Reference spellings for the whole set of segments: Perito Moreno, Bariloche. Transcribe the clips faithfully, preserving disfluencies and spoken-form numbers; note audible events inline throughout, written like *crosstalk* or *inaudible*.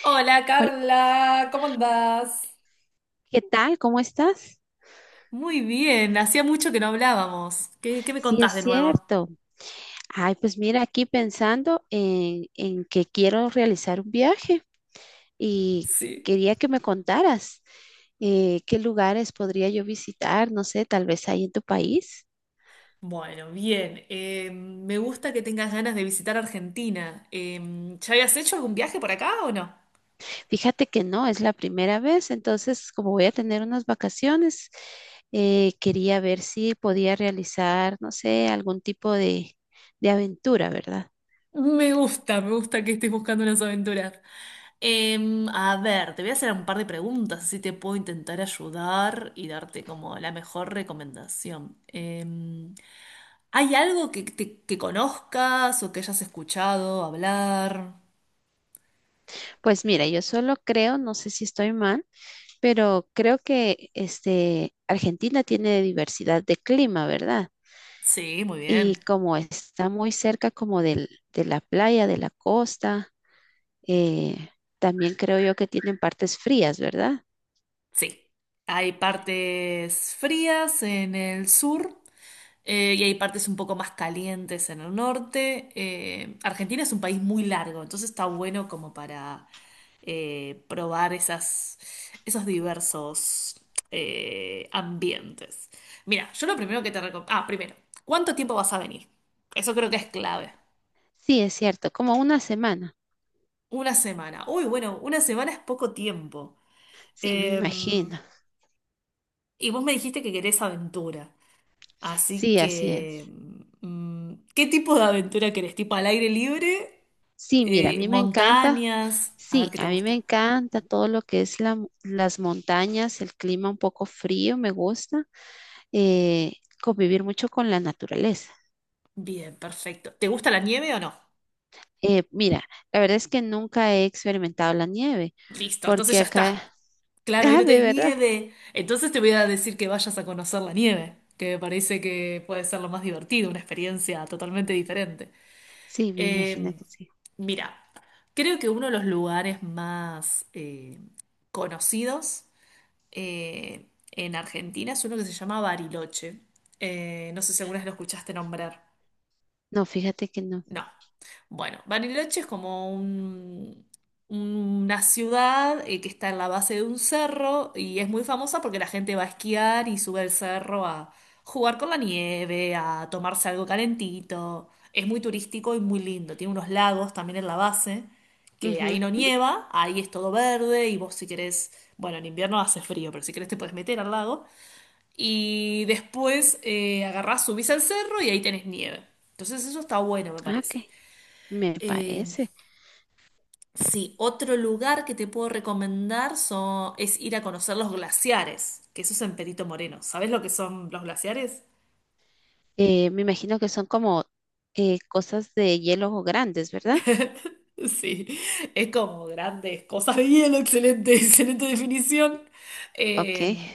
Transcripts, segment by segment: Hola Hola, Carla, ¿cómo andás? ¿qué tal? ¿Cómo estás? Muy bien, hacía mucho que no hablábamos. ¿Qué, qué me Sí, es contás de nuevo? cierto. Ay, pues mira, aquí pensando en, en que quiero realizar un viaje y Sí. quería que me contaras eh, qué lugares podría yo visitar, no sé, tal vez ahí en tu país. Bueno, bien. Eh, me gusta que tengas ganas de visitar Argentina. Eh, ¿ya habías hecho algún viaje por acá o no? Fíjate que no, es la primera vez, entonces como voy a tener unas vacaciones, eh, quería ver si podía realizar, no sé, algún tipo de, de aventura, ¿verdad? Me gusta, me gusta que estés buscando unas aventuras. Eh, a ver, te voy a hacer un par de preguntas, así te puedo intentar ayudar y darte como la mejor recomendación. Eh, ¿Hay algo que, te- que conozcas o que hayas escuchado hablar? Pues mira, yo solo creo, no sé si estoy mal. Pero creo que este, Argentina tiene diversidad de clima, ¿verdad? Sí, muy Y bien. como está muy cerca como del, de la playa, de la costa, eh, también creo yo que tienen partes frías, ¿verdad? Sí. Hay partes frías en el sur eh, y hay partes un poco más calientes en el norte. Eh, Argentina es un país muy largo, entonces está bueno como para eh, probar esas, esos diversos eh, ambientes. Mira, yo lo primero que te recomiendo... Ah, primero, ¿cuánto tiempo vas a venir? Eso creo que es clave. Sí, es cierto, como una semana. Una semana. Uy, bueno, una semana es poco tiempo. Sí, me Eh, imagino. y vos me dijiste que querés aventura. Así Sí, así es. que, mm, ¿qué tipo de aventura querés? ¿Tipo al aire libre? Sí, mira, a Eh, mí me encanta. ¿Montañas? A ver Sí, qué te a mí me gusta. encanta todo lo que es la, mo- las montañas, el clima un poco frío, me gusta. eh, Convivir mucho con la naturaleza. Bien, perfecto. ¿Te gusta la nieve o no? Eh, mira, la verdad es que nunca he experimentado la nieve, Listo, entonces porque ya acá, está. *laughs* Claro, hoy ah, no de tenés verdad, nieve. Entonces te voy a decir que vayas a conocer la nieve, que me parece que puede ser lo más divertido, una experiencia totalmente diferente. sí, me imagino Eh, que sí. Mira, creo que uno de los lugares más eh, conocidos eh, en Argentina es uno que se llama Bariloche. Eh, no sé si alguna vez lo escuchaste nombrar. No, fíjate que no. No. Bueno, Bariloche es como un- una ciudad eh, que está en la base de un cerro y es muy famosa porque la gente va a esquiar y sube al cerro a jugar con la nieve, a tomarse algo calentito. Es muy turístico y muy lindo. Tiene unos lagos también en la base, que ahí Ujú. no nieva, ahí es todo verde y vos si querés, bueno, en invierno hace frío, pero si querés te podés meter al lago. Y después eh, agarrás, subís al cerro y ahí tenés nieve. Entonces eso está bueno, me Ah, ok, parece. me Eh, parece. sí, otro lugar que te puedo recomendar son- es ir a conocer los glaciares, que eso es en Perito Moreno. ¿Sabes lo que son los glaciares? Eh, me imagino que son como eh, cosas de hielo grandes, ¿verdad? *laughs* Sí, es como grandes cosas de hielo, excelente, *laughs* excelente definición, Ok. eh,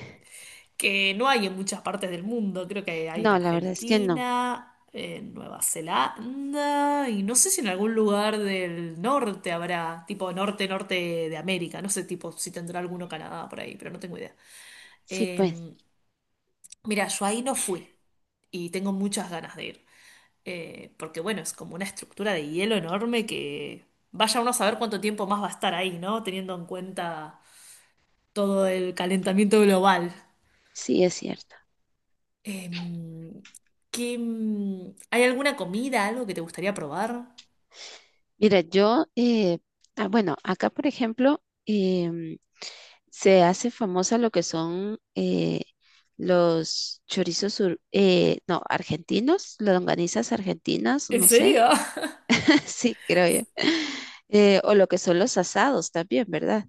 que no hay en muchas partes del mundo, creo que hay en No, la verdad es que no. Argentina, en Nueva Zelanda, y no sé si en algún lugar del norte habrá, tipo norte, norte de América, no sé tipo si tendrá alguno Canadá por ahí, pero no tengo idea. Sí, Eh, pues, Mira, yo ahí no fui y tengo muchas ganas de ir. Eh, porque bueno, es como una estructura de hielo enorme que vaya uno a saber cuánto tiempo más va a estar ahí, ¿no? Teniendo en cuenta todo el calentamiento global. sí es cierto. Em, ¿qué, mm, ¿hay alguna comida, algo que te gustaría probar? Mira, yo, eh, ah, bueno, acá por ejemplo, em, se hace famosa lo que son eh, los chorizos, ur, eh, no, argentinos, las longanizas argentinas, ¿En no sé, serio? *laughs* *laughs* sí, creo yo. Eh, o lo que son los asados también, ¿verdad?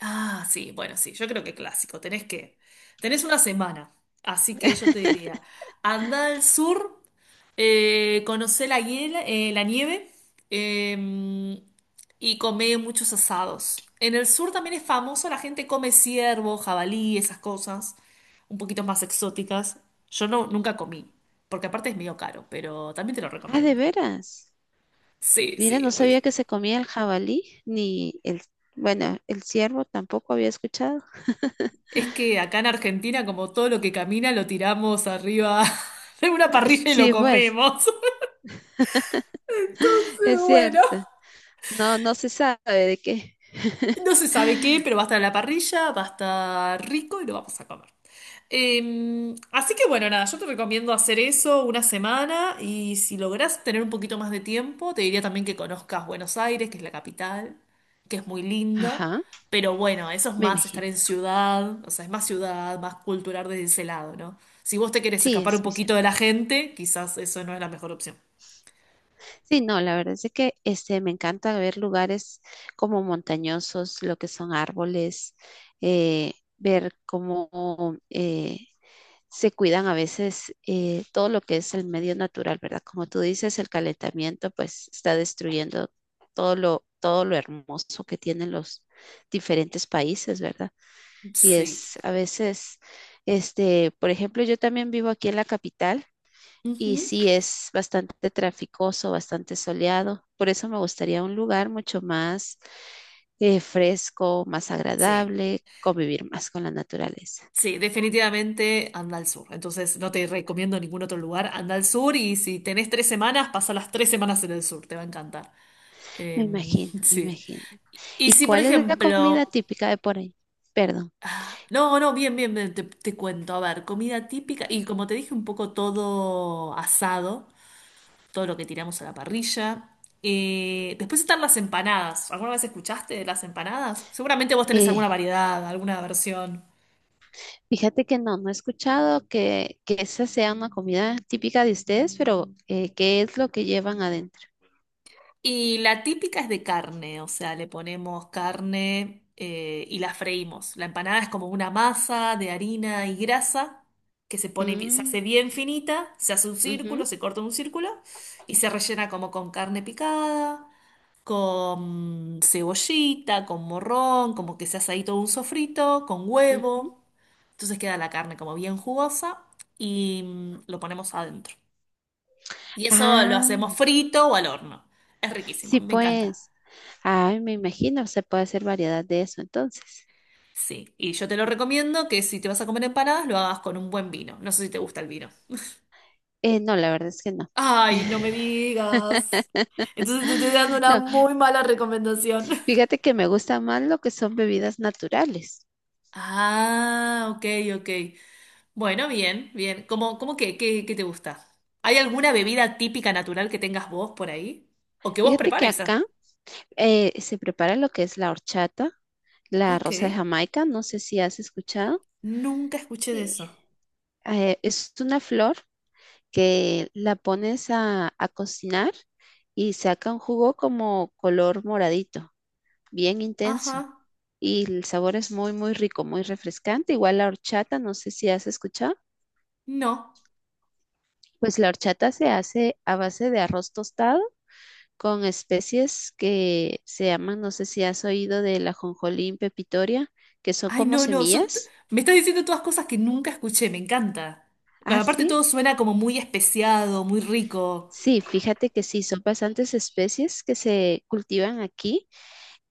Ah, sí, bueno, sí, yo creo que clásico. Tenés que, tenés una semana, así que yo te diría, anda al sur, eh, conocé la, hiel- eh, la nieve eh, y comé muchos asados. En el sur también es famoso, la gente come ciervo, jabalí, esas cosas, un poquito más exóticas. Yo no, nunca comí, porque aparte es medio caro, pero también te lo Ah, de recomiendo. veras. Sí, Mira, sí. no sabía que se comía el jabalí, ni el, bueno, el ciervo tampoco había escuchado. *laughs* Es que acá en Argentina, como todo lo que camina, lo tiramos arriba *laughs* de una Ah, parrilla y lo sí, pues, comemos. Entonces, es bueno, cierto. No, no se sabe de qué. no se sabe qué, pero va a estar en la parrilla, va a estar rico y lo vamos a comer. Eh, así que bueno, nada, yo te recomiendo hacer eso una semana y si lográs tener un poquito más de tiempo, te diría también que conozcas Buenos Aires, que es la capital, que es muy lindo, Ajá. pero bueno, eso es Me más estar imagino. en ciudad, o sea, es más ciudad, más cultural desde ese lado, ¿no? Si vos te querés Sí, escapar un es muy poquito de cierto. la gente, quizás eso no es la mejor opción. Sí, no, la verdad es de que este, me encanta ver lugares como montañosos, lo que son árboles, eh, ver cómo eh, se cuidan a veces eh, todo lo que es el medio natural, ¿verdad? Como tú dices, el calentamiento pues está destruyendo todo lo, todo lo hermoso que tienen los diferentes países, ¿verdad? Y Sí. es a veces, este, por ejemplo, yo también vivo aquí en la capital. Y Ujú. sí, es bastante traficoso, bastante soleado. Por eso me gustaría un lugar mucho más eh, fresco, más Sí. agradable, convivir más con la naturaleza. Sí, definitivamente anda al sur. Entonces no te recomiendo ningún otro lugar. Anda al sur y si tenés tres semanas, pasa las tres semanas en el sur. Te va a encantar. Me Em, *laughs* imagino, me sí. imagino. Y ¿Y si, por cuál es la comida ejemplo... típica de por ahí? Perdón. Ah, no, no, bien, bien, bien, te, te cuento. A ver, comida típica. Y como te dije, un poco todo asado. Todo lo que tiramos a la parrilla. Eh, después están las empanadas. ¿Alguna vez escuchaste de las empanadas? Seguramente vos tenés alguna eh, variedad, alguna versión. Fíjate que no, no he escuchado que, que esa sea una comida típica de ustedes, pero eh, ¿qué es lo que llevan adentro? Y la típica es de carne, o sea, le ponemos carne eh, y la freímos. La empanada es como una masa de harina y grasa que se pone, bi- se Mm, hace bien finita, se hace un círculo, ujú, se corta un círculo y se rellena como con carne picada, con cebollita, con morrón, como que se hace ahí todo un sofrito, con ujú. huevo. Entonces queda la carne como bien jugosa y mm, lo ponemos adentro. Y eso lo Ah, hacemos frito o al horno. Es riquísimo, sí, me encanta. pues. Ay, me imagino, se puede hacer variedad de eso entonces. Sí, y yo te lo recomiendo que si te vas a comer empanadas lo hagas con un buen vino. No sé si te gusta el vino. Eh, no, la verdad es que no. Ay, no me *laughs* digas. Entonces te estoy dando una No, muy mala recomendación. *laughs* fíjate que me gusta más lo que son bebidas naturales. Ah, ok, ok. Bueno, bien, bien. ¿Cómo, cómo qué, qué, qué te gusta? ¿Hay alguna bebida típica natural que tengas vos por ahí? ¿O que vos Fíjate que prepares? ¿Ah? acá eh, se prepara lo que es la horchata, la Ok. rosa de Jamaica, no sé si has escuchado. Nunca escuché de Eh, eso. eh, es una flor que la pones a, a cocinar y saca un jugo como color moradito, bien intenso. Ajá. Y el sabor es muy, muy rico, muy refrescante. Igual la horchata, no sé si has escuchado. No. Pues la horchata se hace a base de arroz tostado con especies que se llaman, no sé si has oído de la jonjolín pepitoria, que son Ay, como no, no, son- t- semillas. me estás diciendo todas cosas que nunca escuché, me encanta. Ah, Aparte sí. todo suena como muy especiado, muy rico. Sí, fíjate que sí, son bastantes especies que se cultivan aquí.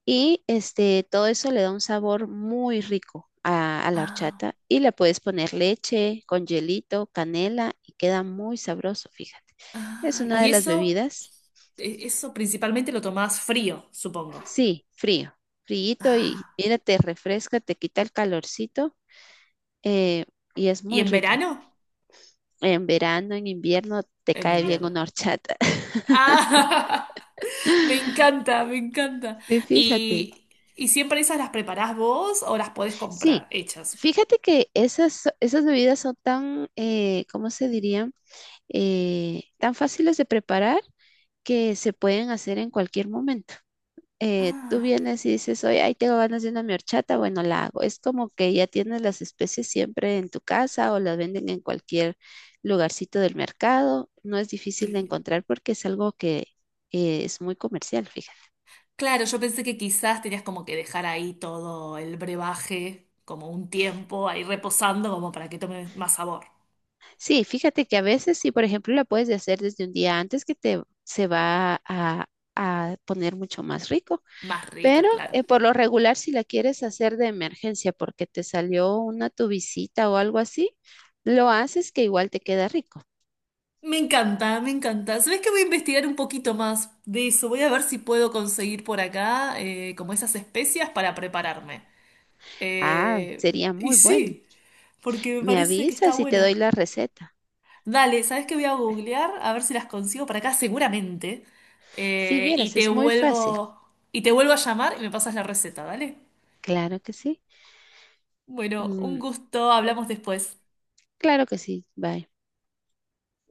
Y este, todo eso le da un sabor muy rico a, a la Ah, horchata y le puedes poner leche con hielito, canela y queda muy sabroso, fíjate. Es ah, una y de las eso, bebidas, e- eso principalmente lo tomás frío, supongo. sí, frío, fríito, y Ah, mira, te refresca, te quita el calorcito eh, y es ¿y muy en rica. verano? En verano, en invierno, te En cae bien invierno. una horchata. *laughs* Ah, *laughs* me encanta, me encanta. Sí, fíjate. ¿Y, y siempre esas las preparás vos o las podés comprar Sí, hechas? fíjate que esas, esas bebidas son tan, eh, ¿cómo se diría? Eh, tan fáciles de preparar que se pueden hacer en cualquier momento. Eh, tú Ah, vienes y dices, oye, ahí tengo ganas de una mi horchata, bueno, la hago. Es como que ya tienes las especies siempre en tu casa o las venden en cualquier lugarcito del mercado. No es difícil de encontrar porque es algo que eh, es muy comercial, fíjate. claro, yo pensé que quizás tenías como que dejar ahí todo el brebaje, como un tiempo, ahí reposando, como para que tome más sabor. Sí, fíjate que a veces, sí, por ejemplo, la puedes de hacer desde un día antes que te se va a, a poner mucho más rico. Más rica, Pero claro. eh, por lo regular, si la quieres hacer de emergencia porque te salió una tu visita o algo así, lo haces que igual te queda rico. Me encanta, me encanta. ¿Sabés que voy a investigar un poquito más de eso? Voy a ver si puedo conseguir por acá eh, como esas especias para prepararme. Ah, Eh, sería Y muy bueno. sí, porque me Me parece que está avisas y te bueno. doy la receta. Dale, ¿sabés qué voy a googlear? A ver si las consigo para acá seguramente. Si Eh, y vieras, te es muy fácil. vuelvo, y te vuelvo a llamar y me pasas la receta, ¿dale? Claro que sí. Bueno, un Mm, gusto, hablamos después. claro que sí. Bye.